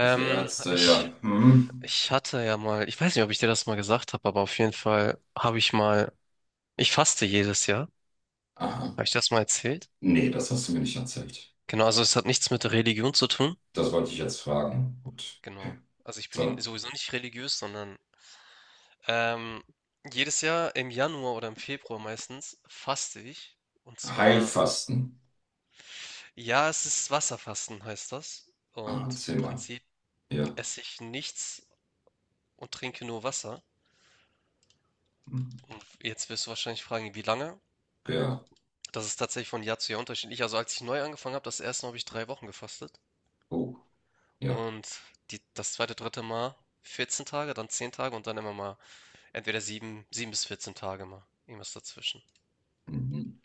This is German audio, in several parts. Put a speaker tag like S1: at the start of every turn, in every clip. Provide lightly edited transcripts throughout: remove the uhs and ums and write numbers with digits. S1: Also Ärzte, ja.
S2: ich,
S1: Hm.
S2: ich hatte ja mal, ich weiß nicht, ob ich dir das mal gesagt habe, aber auf jeden Fall habe ich mal, ich faste jedes Jahr.
S1: Aha.
S2: Habe ich das mal erzählt?
S1: Nee, das hast du mir nicht erzählt.
S2: Genau, also es hat nichts mit Religion zu tun.
S1: Das wollte ich jetzt fragen. Gut.
S2: Genau. Also ich bin ja
S1: Sondern
S2: sowieso nicht religiös, sondern ähm, jedes Jahr im Januar oder im Februar meistens faste ich. Und zwar,
S1: Heilfasten.
S2: ja, es ist Wasserfasten, heißt das.
S1: Ah,
S2: Und im
S1: erzähl mal.
S2: Prinzip
S1: Ja.
S2: esse ich nichts und trinke nur Wasser.
S1: Hm.
S2: Und jetzt wirst du wahrscheinlich fragen, wie lange?
S1: Ja.
S2: Das ist tatsächlich von Jahr zu Jahr unterschiedlich. Also als ich neu angefangen habe, das erste Mal habe ich drei Wochen gefastet.
S1: Oh, ja.
S2: Und die, das zweite, dritte Mal 14 Tage, dann 10 Tage und dann immer mal entweder 7 bis 14 Tage mal. Irgendwas dazwischen.
S1: Mhm.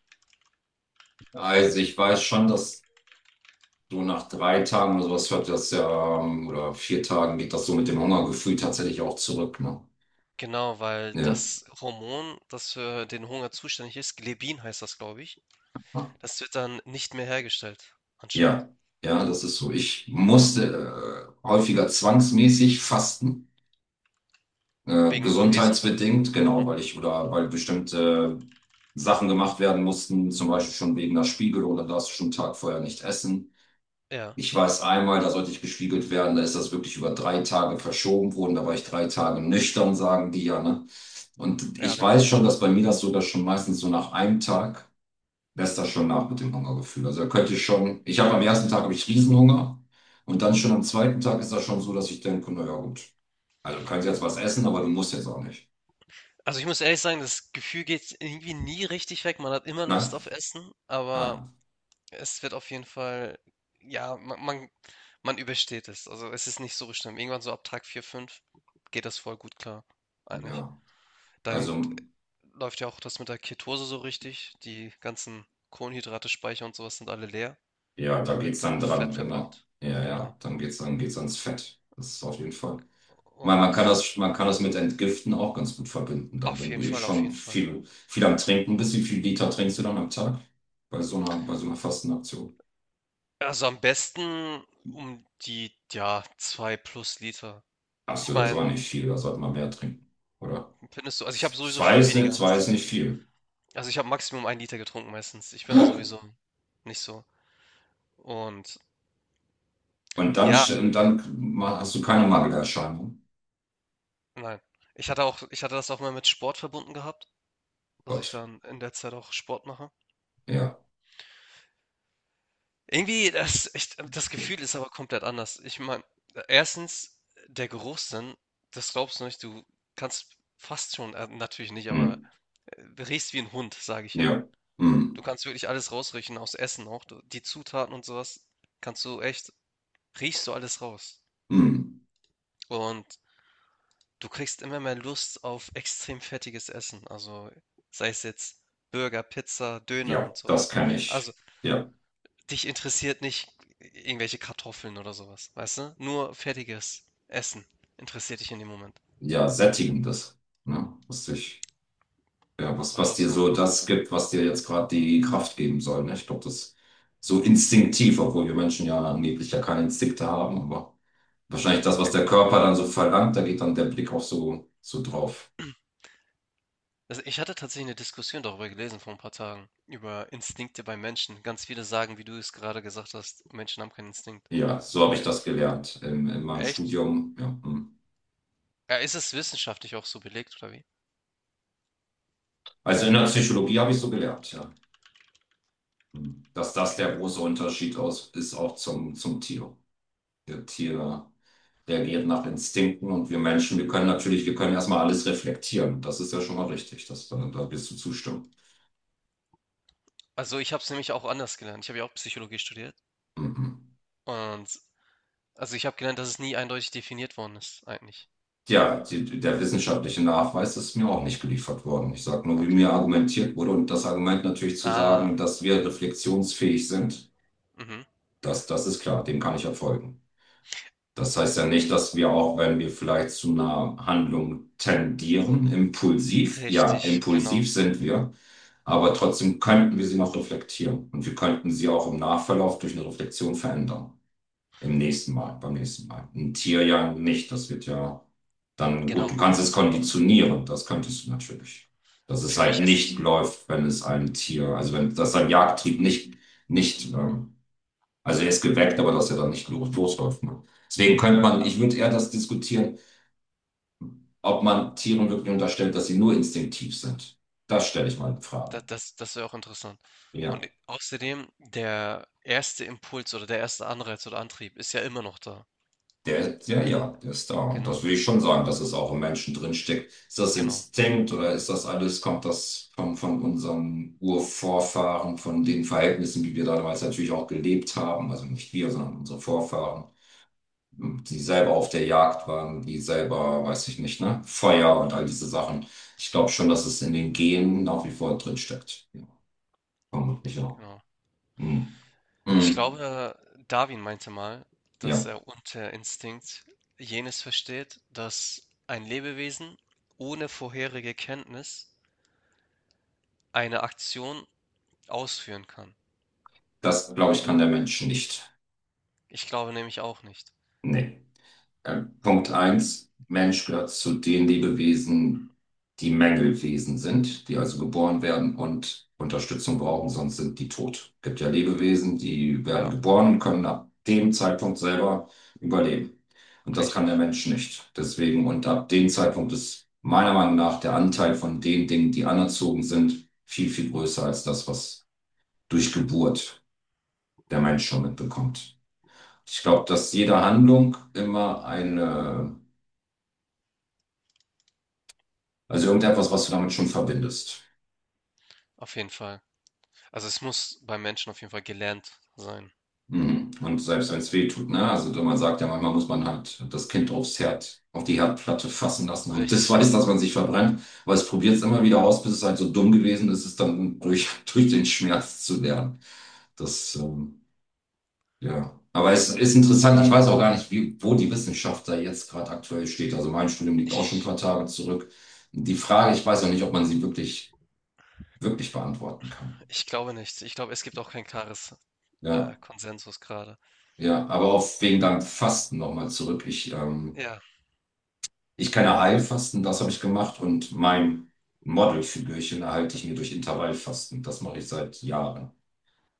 S1: Also ich weiß schon, dass du nach 3 Tagen oder sowas hört das ja, oder 4 Tagen geht das so mit dem Hungergefühl tatsächlich auch zurück, ne?
S2: Genau, weil
S1: Ja.
S2: das Hormon, das für den Hunger zuständig ist, Glebin heißt das, glaube ich,
S1: Ah,
S2: das wird dann nicht mehr hergestellt, anscheinend.
S1: ja. Ja, das ist so. Ich musste häufiger zwangsmäßig fasten.
S2: Wegen OPs und sowas.
S1: Gesundheitsbedingt, genau,
S2: Mhm.
S1: weil ich oder weil bestimmte Sachen gemacht werden mussten, zum Beispiel schon wegen der Spiegelung, oder darfst du schon einen Tag vorher nicht essen.
S2: Ja,
S1: Ich weiß einmal, da sollte ich gespiegelt werden, da ist das wirklich über 3 Tage verschoben worden, da war ich 3 Tage nüchtern, sagen die ja, ne? Und
S2: ja,
S1: ich
S2: genau.
S1: weiß schon, dass bei mir das sogar schon meistens so nach einem Tag lässt das schon nach mit dem Hungergefühl. Also da könnte ich schon, ich habe am ersten Tag habe ich Riesenhunger und dann schon am zweiten Tag ist das schon so, dass ich denke, naja gut, also du kannst jetzt was essen, aber du musst jetzt auch nicht.
S2: Also ich muss ehrlich sagen, das Gefühl geht irgendwie nie richtig weg. Man hat immer
S1: Nein?
S2: Lust auf Essen, aber
S1: Ah,
S2: es wird auf jeden Fall, ja, man, man, man übersteht es. Also es ist nicht so schlimm. Irgendwann so ab Tag 4 5 geht das voll gut klar, eigentlich.
S1: ja. Also,
S2: Dann läuft ja auch das mit der Ketose so richtig. Die ganzen Kohlenhydrate, Speicher und sowas sind alle leer.
S1: ja, da
S2: Dann
S1: geht's
S2: wird
S1: dann dran,
S2: Fett
S1: genau.
S2: verbrennt.
S1: Ja,
S2: Genau.
S1: ja, dann geht's, ans Fett. Das ist auf jeden Fall. Man,
S2: Und
S1: kann das, man kann das mit Entgiften auch ganz gut verbinden, dann,
S2: auf
S1: wenn du
S2: jeden
S1: eh
S2: Fall, auf
S1: schon
S2: jeden Fall.
S1: viel, viel am Trinken bist. Wie viel Liter trinkst du dann am Tag bei so einer Fastenaktion?
S2: Also am besten um die, ja, 2 plus Liter.
S1: Hast du,
S2: Ich
S1: das
S2: meine,
S1: war nicht viel, da sollte man mehr trinken, oder?
S2: findest du, also ich habe sowieso viel weniger
S1: Zwei ist
S2: als.
S1: nicht viel.
S2: Also, ich habe Maximum ein Liter getrunken meistens. Ich bin da sowieso nicht so. Und
S1: Und dann,
S2: ja,
S1: hast du keine Mangelerscheinung.
S2: nein. Ich hatte das auch mal mit Sport verbunden gehabt, dass ich
S1: Gott,
S2: dann in der Zeit auch Sport mache.
S1: ja.
S2: Irgendwie, das Gefühl ist aber komplett anders. Ich meine, erstens, der Geruchssinn, das glaubst du nicht, du kannst fast schon, natürlich nicht,
S1: Hm.
S2: aber riechst wie ein Hund, sage ich
S1: Ja.
S2: immer. Du
S1: Hm.
S2: kannst wirklich alles rausriechen, aus Essen auch. Du, die Zutaten und sowas kannst du echt, riechst du alles raus.
S1: Hm.
S2: Und du kriegst immer mehr Lust auf extrem fettiges Essen, also sei es jetzt Burger, Pizza, Döner
S1: Ja,
S2: und
S1: das
S2: sowas.
S1: kann
S2: Also
S1: ich. Ja,
S2: dich interessiert nicht irgendwelche Kartoffeln oder sowas, weißt du? Nur fettiges Essen interessiert dich in dem Moment.
S1: ja, sättigendes. Ne? Was dich, ja, was,
S2: Oder auch
S1: dir
S2: so.
S1: so das gibt, was dir jetzt gerade die Kraft geben soll. Ne? Ich glaube, das so instinktiv, obwohl wir Menschen ja angeblich ja keine Instinkte haben, aber wahrscheinlich das, was
S2: Ä-
S1: der Körper dann so verlangt, da geht dann der Blick auch so, so drauf.
S2: Also ich hatte tatsächlich eine Diskussion darüber gelesen vor ein paar Tagen, über Instinkte bei Menschen. Ganz viele sagen, wie du es gerade gesagt hast, Menschen haben keinen Instinkt.
S1: Ja, so habe
S2: Aber
S1: ich
S2: e-
S1: das gelernt in, meinem
S2: echt?
S1: Studium. Ja. Hm.
S2: Ja, ist es wissenschaftlich auch so belegt oder wie?
S1: Also in der Psychologie habe ich so gelernt, ja. Hm. Dass das
S2: Okay.
S1: der große Unterschied aus, ist auch zum, Tier. Der Tier reagiert nach Instinkten und wir Menschen, wir können natürlich, wir können erstmal alles reflektieren. Das ist ja schon mal richtig, das, da wirst du zustimmen.
S2: Also ich habe es nämlich auch anders gelernt. Ich habe ja auch Psychologie studiert.
S1: Mhm.
S2: Und also ich habe gelernt, dass es nie eindeutig definiert worden ist, eigentlich.
S1: Ja, der wissenschaftliche Nachweis ist mir auch nicht geliefert worden. Ich sage nur, wie
S2: Okay.
S1: mir argumentiert wurde und das Argument natürlich zu sagen,
S2: Ah,
S1: dass wir reflexionsfähig sind,
S2: mhm.
S1: das, ist klar, dem kann ich ja folgen. Das heißt ja nicht, dass wir auch, wenn wir vielleicht zu einer Handlung tendieren, impulsiv, ja,
S2: Richtig, genau.
S1: impulsiv sind wir, aber trotzdem könnten wir sie noch reflektieren und wir könnten sie auch im Nachverlauf durch eine Reflexion verändern. Im nächsten Mal, beim nächsten Mal. Ein Tier ja nicht, das wird ja dann, gut, du
S2: Genau.
S1: kannst es konditionieren, das könntest du natürlich. Dass es
S2: Für
S1: halt
S2: mich
S1: nicht
S2: ist
S1: läuft, wenn es einem Tier, also wenn das sein Jagdtrieb nicht, nicht, ähm, also er ist geweckt, aber dass er dann nicht losläuft. Ne? Deswegen könnte man, ich würde eher das diskutieren, ob man Tieren wirklich unterstellt, dass sie nur instinktiv sind. Das stelle ich mal in Frage.
S2: das wäre auch interessant.
S1: Ja,
S2: Und außerdem, der erste Impuls oder der erste Anreiz oder Antrieb ist ja immer noch da.
S1: der, ja, ja, der ist da. Und das
S2: Genau,
S1: würde ich schon sagen, dass es auch im Menschen drinsteckt. Ist das
S2: genau,
S1: Instinkt oder ist das alles, kommt das von, unseren Urvorfahren, von den Verhältnissen, wie wir damals natürlich auch gelebt haben? Also nicht wir, sondern unsere Vorfahren, die selber auf der Jagd waren, die selber, weiß ich nicht, ne, Feuer und all diese Sachen. Ich glaube schon, dass es in den Genen nach wie vor drin steckt. Ja, vermutlich auch.
S2: genau.
S1: Hm.
S2: Ich
S1: Hm.
S2: glaube, Darwin meinte mal, dass
S1: Ja,
S2: er unter Instinkt jenes versteht, dass ein Lebewesen ohne vorherige Kenntnis eine Aktion ausführen kann.
S1: das glaube ich kann der Mensch nicht.
S2: Ich glaube nämlich auch nicht.
S1: Nee. Punkt eins, Mensch gehört zu den Lebewesen, die Mängelwesen sind, die also geboren werden und Unterstützung brauchen, sonst sind die tot. Es gibt ja Lebewesen, die werden
S2: Ja,
S1: geboren und können ab dem Zeitpunkt selber überleben. Und das kann
S2: richtig.
S1: der Mensch nicht. Deswegen, und ab dem Zeitpunkt ist meiner Meinung nach der Anteil von den Dingen, die anerzogen sind, viel, viel größer als das, was durch Geburt der Mensch schon mitbekommt. Ich glaube, dass jede Handlung immer eine. Also irgendetwas, was du damit schon verbindest.
S2: Auf jeden Fall. Also es muss beim Menschen auf jeden Fall gelernt sein.
S1: Mhm. Und selbst wenn es weh tut, ne? Also man sagt ja, manchmal muss man halt das Kind aufs Herd, auf die Herdplatte fassen lassen, damit es
S2: Richtig.
S1: weiß, dass man sich verbrennt. Aber es probiert es immer wieder aus, bis es halt so dumm gewesen ist, es dann durch, durch den Schmerz zu lernen. Das, ja. Aber es ist interessant, ich weiß auch gar nicht, wie, wo die Wissenschaft da jetzt gerade aktuell steht. Also mein Studium liegt auch schon ein
S2: Ich,
S1: paar Tage zurück. Die Frage, ich weiß auch nicht, ob man sie wirklich, beantworten kann.
S2: ich glaube nicht. Ich glaube, es gibt auch kein klares
S1: Ja.
S2: Konsensus gerade.
S1: Ja, aber auf wegen deinem Fasten nochmal zurück.
S2: Ja,
S1: Ich kann ja Heilfasten, das habe ich gemacht und mein Modelfigürchen erhalte ich mir durch Intervallfasten. Das mache ich seit Jahren.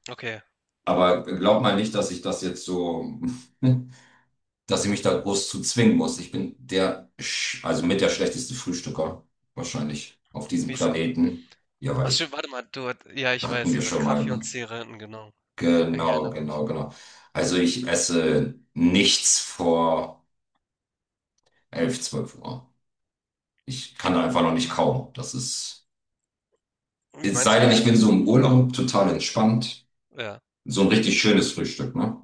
S2: okay.
S1: Aber glaub mal nicht, dass ich das jetzt so, dass ich mich da groß zu zwingen muss. Ich bin der, also mit der schlechteste Frühstücker wahrscheinlich auf diesem
S2: Wieso?
S1: Planeten. Ja, weil
S2: Ach stimmt,
S1: ich,
S2: warte mal, ja, ich
S1: hatten
S2: weiß,
S1: wir
S2: ich war
S1: schon mal,
S2: Kaffee und
S1: ne?
S2: Zigaretten, genau. Ich
S1: Genau,
S2: erinnere mich.
S1: genau, genau. Also ich esse nichts vor 11, 12 Uhr. Ich kann einfach noch nicht kaum. Das ist,
S2: Wie
S1: es
S2: meinst
S1: sei
S2: du
S1: denn, ich
S2: das?
S1: bin so im Urlaub total entspannt.
S2: Ja,
S1: So ein richtig schönes Frühstück, ne?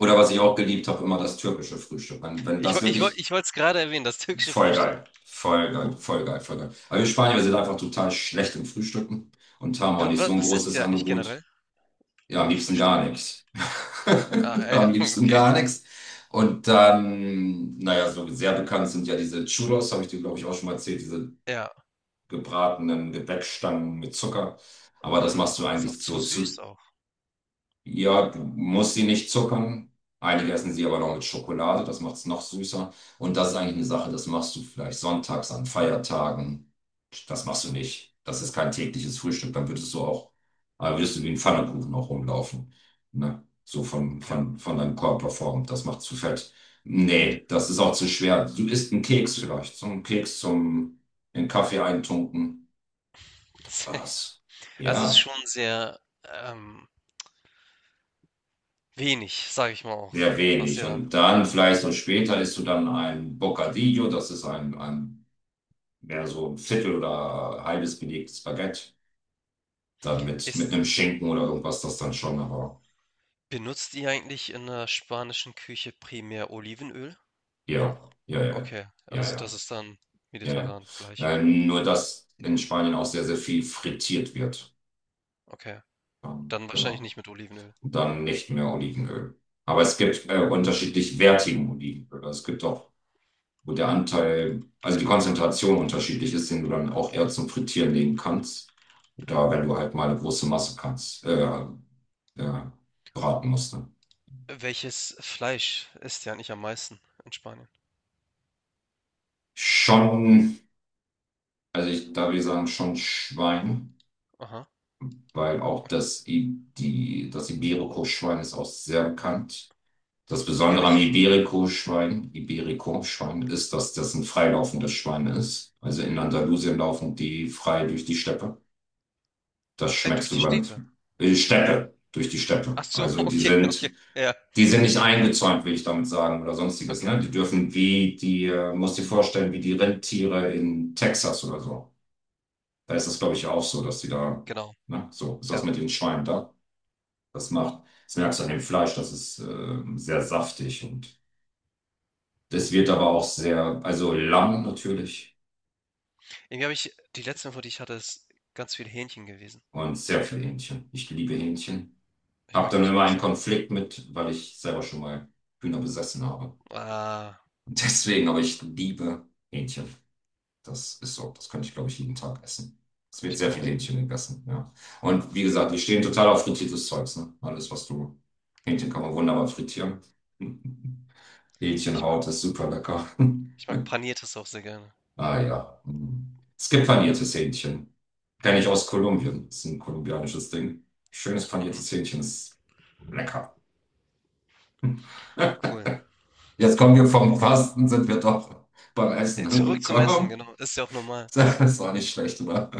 S1: Oder was
S2: genau.
S1: ich auch geliebt habe, immer das türkische Frühstück. Wenn, das wirklich
S2: Ich wollte es gerade erwähnen, das türkische
S1: voll
S2: Frühstück.
S1: geil. Voll geil, voll geil, voll geil. Aber wir Spanier, wir sind einfach total schlecht im Frühstücken und haben auch nicht so ein
S2: Was ist
S1: großes
S2: ja nicht
S1: Angebot.
S2: generell
S1: Ja, am
S2: beim
S1: liebsten
S2: Frühstück?
S1: gar nichts.
S2: Ah, ja,
S1: Am
S2: ja,
S1: liebsten
S2: okay.
S1: gar nichts. Und dann, naja, so sehr bekannt sind ja diese Churros, habe ich dir, glaube ich, auch schon mal erzählt, diese
S2: Ja,
S1: gebratenen Gebäckstangen mit Zucker. Aber das
S2: genau.
S1: machst du
S2: Ist auch
S1: eigentlich
S2: zu
S1: so
S2: süß
S1: zu.
S2: auch.
S1: Ja, du musst sie nicht zuckern. Einige essen sie aber noch mit Schokolade, das macht es noch süßer. Und das ist eigentlich eine Sache, das machst du vielleicht sonntags an Feiertagen. Das machst du nicht. Das ist kein tägliches Frühstück. Dann würdest du auch, würdest du wie ein Pfannkuchen auch rumlaufen. Ne? So von,
S2: Ja.
S1: von deinem Körperform. Das macht zu fett. Nee, das ist auch zu schwer. Du isst einen Keks vielleicht. So einen Keks zum in Kaffee eintunken. Was?
S2: Also, es ist
S1: Ja,
S2: schon sehr, ähm, wenig, sage ich mal auch,
S1: sehr
S2: was
S1: wenig.
S2: ihr da
S1: Und dann
S2: ja.
S1: vielleicht so später isst du dann ein Bocadillo, das ist ein, mehr so ein Viertel oder halbes belegtes Baguette. Dann mit,
S2: Ist
S1: einem Schinken oder irgendwas, das dann schon, aber
S2: benutzt ihr eigentlich in der spanischen Küche primär Olivenöl auch?
S1: ja, ja, ja,
S2: Okay,
S1: ja,
S2: also das
S1: ja,
S2: ist dann
S1: ja,
S2: mediterran gleich
S1: ja.
S2: überall.
S1: Nur, dass in Spanien auch sehr, sehr viel frittiert wird.
S2: Okay, dann wahrscheinlich
S1: Genau.
S2: nicht mit Olivenöl,
S1: Dann nicht mehr Olivenöl. Aber
S2: ja.
S1: es gibt unterschiedlich wertigen Olivenöl. Also es gibt auch wo der Anteil, also die Konzentration unterschiedlich ist, den du dann auch eher zum Frittieren legen kannst. Oder wenn du halt mal eine große Masse kannst, äh, braten musst. Ne?
S2: Welches Fleisch esst ihr eigentlich am meisten in Spanien?
S1: Schon, also ich, da wir sagen schon Schwein,
S2: Aha,
S1: weil auch
S2: und
S1: das, das Iberico-Schwein ist auch sehr bekannt. Das
S2: irgendwie habe
S1: Besondere am
S2: ich
S1: Iberico-Schwein ist, dass das ein freilaufendes Schwein ist. Also in Andalusien laufen die frei durch die Steppe. Das
S2: durch
S1: schmeckst
S2: die
S1: du beim
S2: Städte?
S1: durch die
S2: Ach
S1: Steppe.
S2: so,
S1: Also
S2: okay, okay, ja,
S1: die sind nicht eingezäunt, will ich damit sagen, oder sonstiges,
S2: okay,
S1: ne? Die dürfen wie die, musst dir vorstellen, wie die Rentiere in Texas oder so. Da ist das, glaube ich, auch so, dass die da,
S2: genau,
S1: ne? So ist das
S2: ja.
S1: mit den Schweinen da. Das macht, das merkst du an dem Fleisch, das ist sehr saftig und das wird aber auch sehr, also Lamm natürlich
S2: Irgendwie habe ich die letzte Info, die ich hatte, ist ganz viel Hähnchen gewesen.
S1: und sehr viel Hähnchen. Ich liebe
S2: Ja,
S1: Hähnchen.
S2: ich
S1: Hab
S2: mag
S1: dann
S2: Hähnchen
S1: immer
S2: auch
S1: einen
S2: sehr gerne.
S1: Konflikt mit, weil ich selber schon mal Hühner besessen habe.
S2: Ah,
S1: Deswegen, aber ich liebe Hähnchen. Das ist so. Das könnte ich, glaube ich, jeden Tag essen. Es wird
S2: ich
S1: sehr viel
S2: genauso.
S1: Hähnchen gegessen, ja. Und wie gesagt, die stehen total auf frittiertes Zeugs, ne? Alles, was du. Hähnchen kann man wunderbar frittieren.
S2: Ich mag,
S1: Hähnchenhaut ist super lecker.
S2: ich mag Paniertes auch sehr gerne.
S1: Ah ja. Mm. Es gibt paniertes Hähnchen. Kenne ich aus Kolumbien. Ist ein kolumbianisches Ding. Schönes
S2: Mhm,
S1: paniertes Hähnchen ist lecker.
S2: cool.
S1: Jetzt kommen wir vom Fasten, sind wir doch beim Essen
S2: Zurück zum Essen,
S1: angekommen.
S2: genau. Ist ja auch normal.
S1: Das war nicht schlecht, oder?